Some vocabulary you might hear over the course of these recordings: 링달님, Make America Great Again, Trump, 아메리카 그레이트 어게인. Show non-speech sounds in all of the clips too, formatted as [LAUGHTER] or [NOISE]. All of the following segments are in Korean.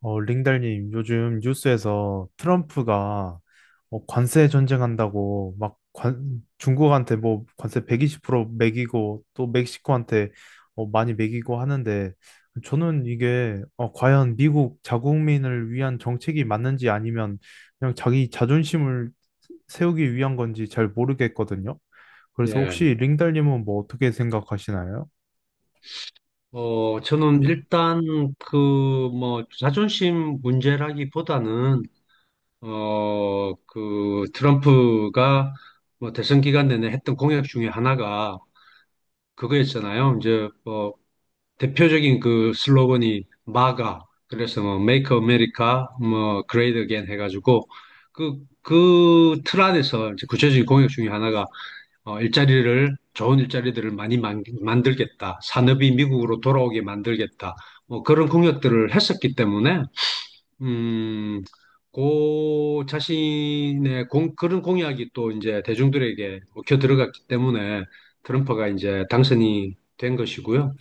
링달님, 요즘 뉴스에서 트럼프가 관세 전쟁한다고 막 중국한테 뭐 관세 120% 매기고 또 멕시코한테 많이 매기고 하는데 저는 이게 과연 미국 자국민을 위한 정책이 맞는지 아니면 그냥 자기 자존심을 세우기 위한 건지 잘 모르겠거든요. 그래서 예, 혹시 링달님은 뭐 어떻게 생각하시나요? 저는 일단 그 자존심 문제라기보다는 그 트럼프가 뭐 대선 기간 내내 했던 공약 중에 하나가 그거였잖아요. 이제 뭐 대표적인 그 슬로건이 마가, 그래서 뭐 Make America 뭐 Great Again 해가지고 그 틀 안에서 이제 구체적인 공약 중에 하나가 일자리를, 좋은 일자리들을 많이 들겠다. 산업이 미국으로 돌아오게 만들겠다. 뭐 그런 공약들을 했었기 때문에, 음, 고 자신의 그런 공약이 또 이제 대중들에게 먹혀 들어갔기 때문에 트럼프가 이제 당선이 된 것이고요.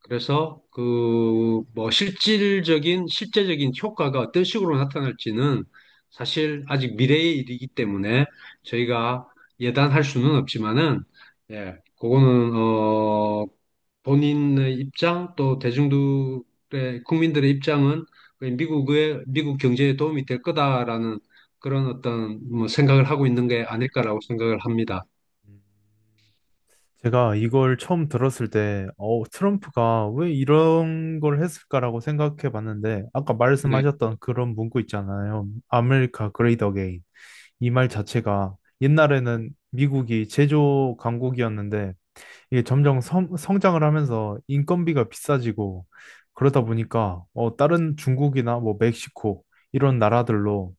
그래서 그 뭐 실질적인 실제적인 효과가 어떤 식으로 나타날지는 사실 아직 미래의 일이기 때문에 저희가 예단할 수는 없지만은, 예, 그거는 본인의 입장, 또 대중들의 국민들의 입장은 그 미국의 미국 경제에 도움이 될 거다라는 그런 어떤 뭐 생각을 하고 있는 게 아닐까라고 생각을 합니다. 제가 이걸 처음 들었을 때, 트럼프가 왜 이런 걸 했을까라고 생각해 봤는데, 아까 네. 말씀하셨던 그런 문구 있잖아요. 아메리카 그레이트 어게인. 이 말 자체가 옛날에는 미국이 제조 강국이었는데, 이게 점점 성장을 하면서 인건비가 비싸지고, 그러다 보니까, 다른 중국이나 뭐 멕시코, 이런 나라들로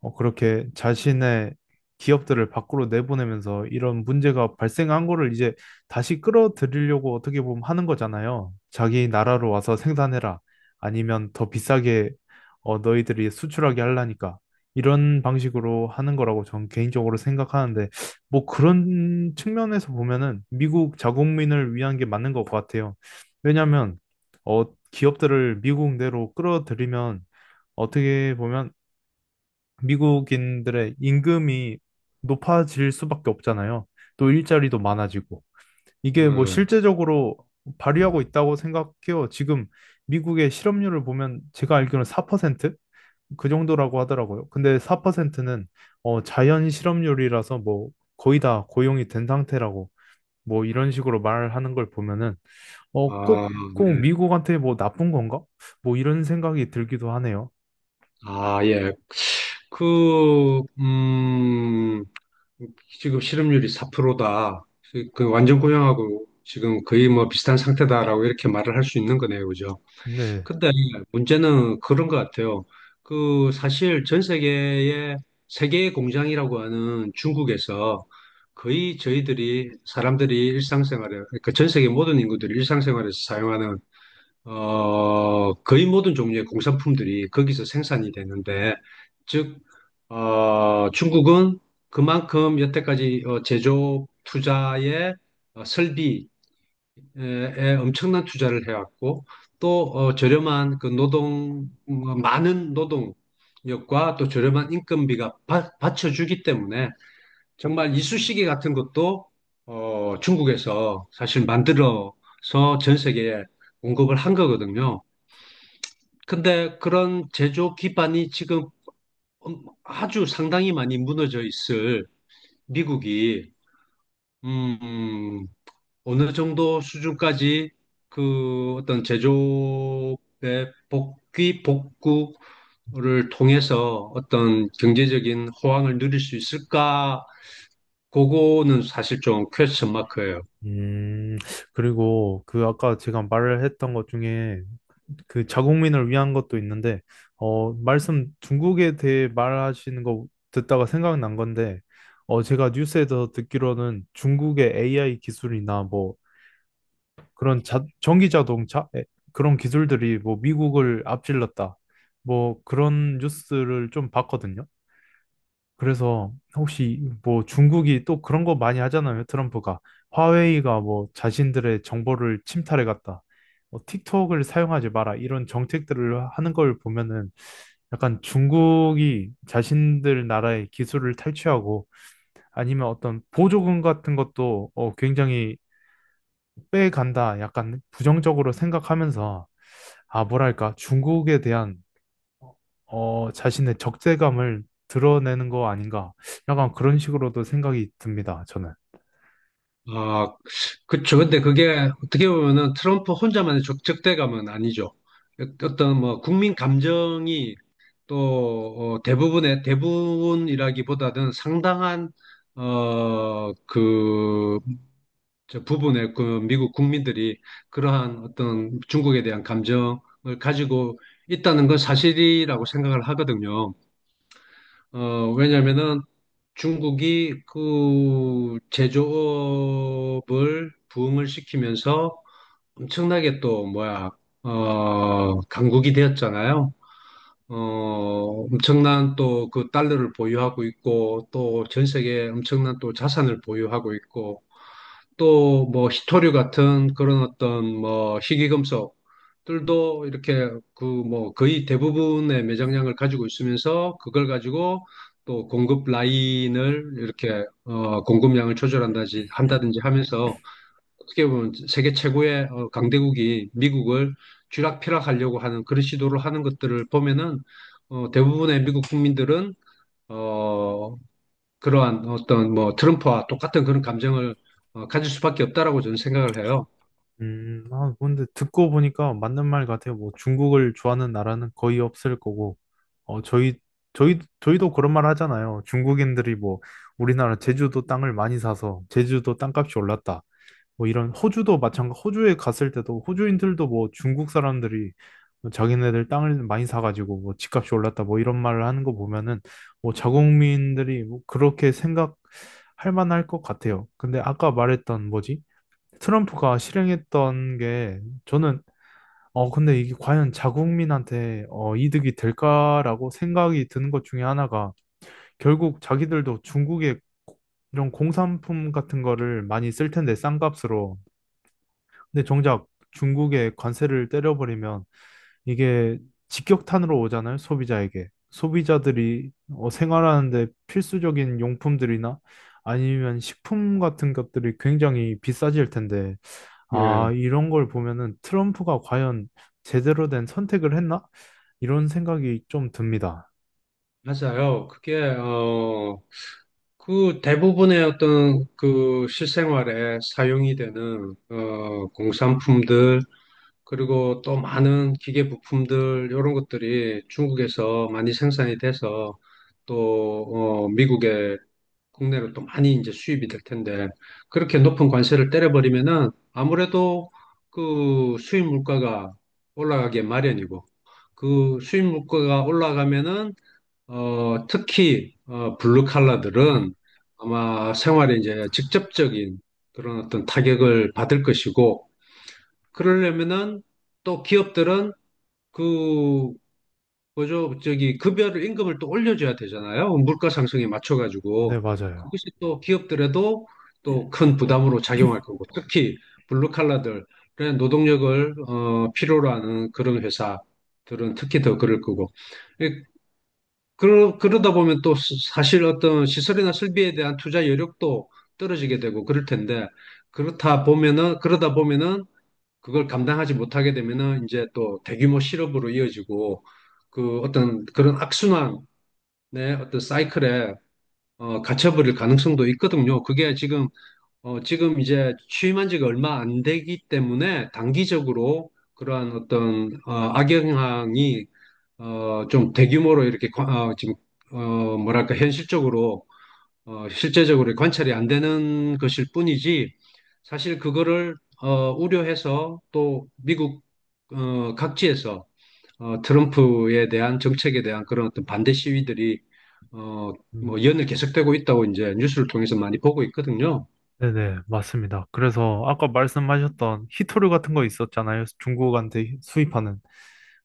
그렇게 자신의 기업들을 밖으로 내보내면서 이런 문제가 발생한 거를 이제 다시 끌어들이려고 어떻게 보면 하는 거잖아요. 자기 나라로 와서 생산해라. 아니면 더 비싸게 너희들이 수출하게 하려니까. 이런 방식으로 하는 거라고 저는 개인적으로 생각하는데, 뭐 그런 측면에서 보면은 미국 자국민을 위한 게 맞는 것 같아요. 왜냐하면 어, 기업들을 미국 내로 끌어들이면 어떻게 보면 미국인들의 임금이 높아질 수밖에 없잖아요. 또 일자리도 많아지고. 이게 뭐 음, 실제적으로 발휘하고 있다고 생각해요. 지금 미국의 실업률을 보면 제가 알기로는 4% 정도라고 하더라고요. 근데 4%는 자연 실업률이라서 뭐 거의 다 고용이 된 상태라고 뭐 이런 식으로 말하는 걸 보면은 아, 꼭 네. 미국한테 뭐 나쁜 건가? 뭐 이런 생각이 들기도 하네요. 아, 예. 그, 음, 지금 실업률이 4%다. 그 완전 고용하고 지금 거의 뭐 비슷한 상태다라고 이렇게 말을 할 수 있는 거네요. 그죠? 네. 근데 문제는 그런 것 같아요. 그 사실 전 세계의 세계의 공장이라고 하는 중국에서 거의 저희들이 사람들이 일상생활에, 그러니까 전 세계 모든 인구들이 일상생활에서 사용하는 거의 모든 종류의 공산품들이 거기서 생산이 되는데, 즉, 중국은 그만큼 여태까지 제조 투자에 설비에 엄청난 투자를 해왔고, 또 저렴한 많은 노동력과 또 저렴한 인건비가 받쳐주기 때문에 정말 이쑤시개 같은 것도 중국에서 사실 만들어서 전 세계에 공급을 한 거거든요. 근데 그런 제조 기반이 지금 아주 상당히 많이 무너져 있을, 미국이 음, 음, 어느 정도 수준까지 그 어떤 제조업의 복귀 복구를 통해서 어떤 경제적인 호황을 누릴 수 있을까? 그거는 사실 좀 퀘스천 마크예요. 음, 그리고 그 아까 제가 말을 했던 것 중에 그 자국민을 위한 것도 있는데, 말씀 중국에 대해 말하시는 거 듣다가 생각난 건데, 제가 뉴스에서 듣기로는 중국의 AI 기술이나 뭐 그런 전기 자동차 에, 그런 기술들이 뭐 미국을 앞질렀다. 뭐 그런 뉴스를 좀 봤거든요. 그래서 혹시 뭐 중국이 또 그런 거 많이 하잖아요. 트럼프가 화웨이가 뭐 자신들의 정보를 침탈해 갔다. 뭐 틱톡을 사용하지 마라. 이런 정책들을 하는 걸 보면은 약간 중국이 자신들 나라의 기술을 탈취하고 아니면 어떤 보조금 같은 것도 굉장히 빼간다. 약간 부정적으로 생각하면서 아, 뭐랄까, 중국에 대한 자신의 적대감을 드러내는 거 아닌가. 약간 그런 식으로도 생각이 듭니다, 저는. 아, 그쵸. 근데 그게 어떻게 보면은 트럼프 혼자만의 적대감은 아니죠. 어떤 뭐 국민 감정이 또 대부분의 대부분이라기보다는 상당한 어, 그, 저 부분의 그 미국 국민들이 그러한 어떤 중국에 대한 감정을 가지고 있다는 건 사실이라고 생각을 하거든요. 왜냐면은 중국이 그 제조업을 부흥을 시키면서 엄청나게 또 뭐야, 강국이 되었잖아요. 어, 엄청난 또 그 달러를 보유하고 있고, 또 전 세계에 엄청난 또 자산을 보유하고 있고, 또 뭐 희토류 같은 그런 어떤 뭐 희귀금속들도 이렇게 그 뭐 거의 대부분의 매장량을 가지고 있으면서 그걸 가지고 또 공급 라인을 이렇게 어 공급량을 조절한다지 한다든지 하면서 어떻게 보면 세계 최고의 강대국이 미국을 쥐락펴락하려고 하는 그런 시도를 하는 것들을 보면은 대부분의 미국 국민들은 어 그러한 어떤 뭐 트럼프와 똑같은 그런 감정을 가질 수밖에 없다라고 저는 생각을 해요. 아, 근데 듣고 보니까 맞는 말 같아요. 뭐 중국을 좋아하는 나라는 거의 없을 거고, 어, 저희, 저희도 그런 말 하잖아요. 중국인들이 뭐 우리나라 제주도 땅을 많이 사서 제주도 땅값이 올랐다. 뭐 이런 호주도 마찬가지 호주에 갔을 때도 호주인들도 뭐 중국 사람들이 뭐 자기네들 땅을 많이 사가지고 뭐 집값이 올랐다 뭐 이런 말을 하는 거 보면은 뭐 자국민들이 뭐 그렇게 생각할 만할 것 같아요. 근데 아까 말했던 뭐지? 트럼프가 실행했던 게 저는 근데 이게 과연 자국민한테 이득이 될까라고 생각이 드는 것 중에 하나가 결국 자기들도 중국의 이런 공산품 같은 거를 많이 쓸 텐데 싼 값으로 근데 정작 중국에 관세를 때려버리면 이게 직격탄으로 오잖아요, 소비자에게. 소비자들이 생활하는데 필수적인 용품들이나 아니면 식품 같은 것들이 굉장히 비싸질 텐데, 아, 네, 이런 걸 보면은 트럼프가 과연 제대로 된 선택을 했나? 이런 생각이 좀 듭니다. 맞아요. 그게 어, 그 대부분의 어떤 그 실생활에 사용이 되는 공산품들, 그리고 또 많은 기계 부품들 이런 것들이 중국에서 많이 생산이 돼서 또 미국에 국내로 또 많이 이제 수입이 될 텐데, 그렇게 높은 관세를 때려버리면은 아무래도 그 수입 물가가 올라가게 마련이고, 그 수입 물가가 올라가면은 특히 블루 칼라들은 아마 생활에 이제 직접적인 그런 어떤 타격을 받을 것이고, 그러려면은 또 기업들은 그 그죠? 저기 급여를 임금을 또 올려줘야 되잖아요. 물가 상승에 네, 맞춰가지고 맞아요. 그것이 또 기업들에도 또 큰 부담으로 작용할 거고, 특히 블루칼라들의 노동력을 필요로 하는 그런 회사들은 특히 더 그럴 거고, 예, 그러다 보면 또 사실 어떤 시설이나 설비에 대한 투자 여력도 떨어지게 되고 그럴 텐데, 그렇다 보면은 그러다 보면은 그걸 감당하지 못하게 되면은 이제 또 대규모 실업으로 이어지고 그 어떤 그런 악순환의 어떤 사이클에 갇혀버릴 가능성도 있거든요. 그게 지금 이제 취임한 지가 얼마 안 되기 때문에 단기적으로 그러한 어떤 악영향이 좀 대규모로 이렇게 지금 뭐랄까, 현실적으로 실제적으로 관찰이 안 되는 것일 뿐이지, 사실 그거를 우려해서 또 미국 각지에서 트럼프에 대한 정책에 대한 그런 어떤 반대 시위들이 어, 음, 뭐 연을 계속되고 있다고 이제 뉴스를 통해서 많이 보고 있거든요. 네네, 맞습니다. 그래서 아까 말씀하셨던 히토류 같은 거 있었잖아요. 중국한테 수입하는.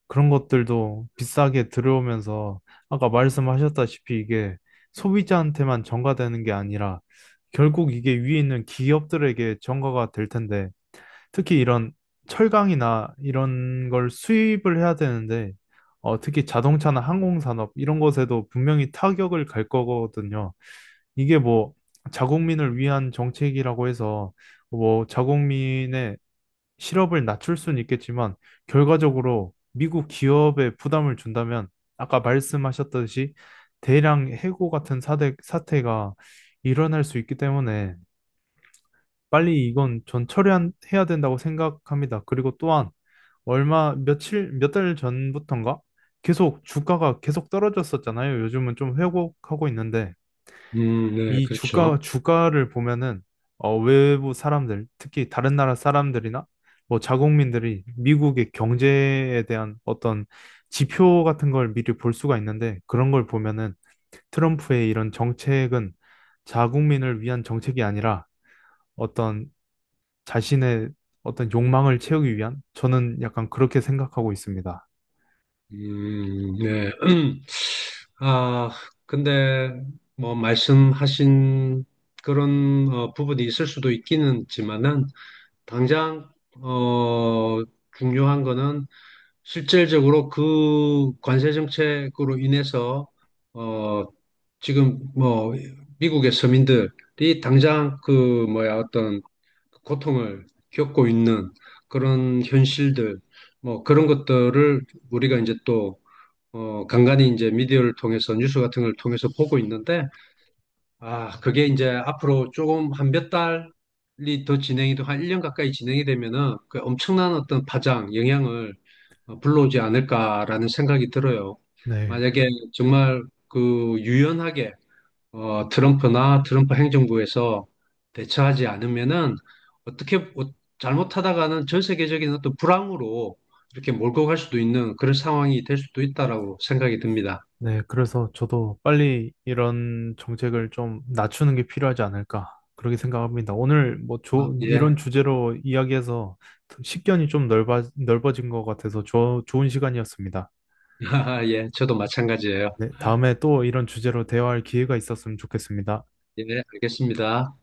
그런 것들도 비싸게 들어오면서 아까 말씀하셨다시피 이게 소비자한테만 전가되는 게 아니라 결국 이게 위에 있는 기업들에게 전가가 될 텐데 특히 이런 철강이나 이런 걸 수입을 해야 되는데 특히 자동차나 항공산업 이런 것에도 분명히 타격을 갈 거거든요. 이게 뭐 자국민을 위한 정책이라고 해서 뭐 자국민의 실업을 낮출 수는 있겠지만 결과적으로 미국 기업에 부담을 준다면 아까 말씀하셨듯이 대량 해고 같은 사태가 일어날 수 있기 때문에 빨리 이건 전 처리해야 된다고 생각합니다. 그리고 또한 얼마 며칠 몇 달 전부턴가 계속 주가가 계속 떨어졌었잖아요. 요즘은 좀 회복하고 있는데 네, 이 그렇죠. 주가를 보면은, 외부 사람들, 특히 다른 나라 사람들이나, 뭐, 자국민들이 미국의 경제에 대한 어떤 지표 같은 걸 미리 볼 수가 있는데, 그런 걸 보면은 트럼프의 이런 정책은 자국민을 위한 정책이 아니라 어떤 자신의 어떤 욕망을 채우기 위한, 저는 약간 그렇게 생각하고 있습니다. 네. [CLEARS THROAT] 아, 근데 뭐 말씀하신 그런 부분이 있을 수도 있기는 지만은, 당장 어, 중요한 거는 실질적으로 그 관세 정책으로 인해서 어, 지금 뭐 미국의 서민들이 당장 그 뭐야 어떤 고통을 겪고 있는 그런 현실들, 뭐 그런 것들을 우리가 이제 또 간간히 이제 미디어를 통해서 뉴스 같은 걸 통해서 보고 있는데, 아, 그게 이제 앞으로 조금 한 몇 달이 더 한 1년 가까이 진행이 되면은 그 엄청난 어떤 파장, 영향을 불러오지 않을까라는 생각이 들어요. 네. 만약에 정말 그 유연하게 트럼프 행정부에서 대처하지 않으면은, 어떻게 잘못하다가는 전 세계적인 어떤 불황으로 이렇게 몰고 갈 수도 있는 그런 상황이 될 수도 있다라고 생각이 듭니다. 네, 그래서 저도 빨리 이런 정책을 좀 낮추는 게 필요하지 않을까, 그렇게 생각합니다. 오늘 뭐 아, 이런 예. 주제로 이야기해서 식견이 좀 넓어진 것 같아서 좋은 시간이었습니다. [LAUGHS] 예, 저도 마찬가지예요. 네, 다음에 또 이런 주제로 대화할 기회가 있었으면 좋겠습니다. 예, 알겠습니다.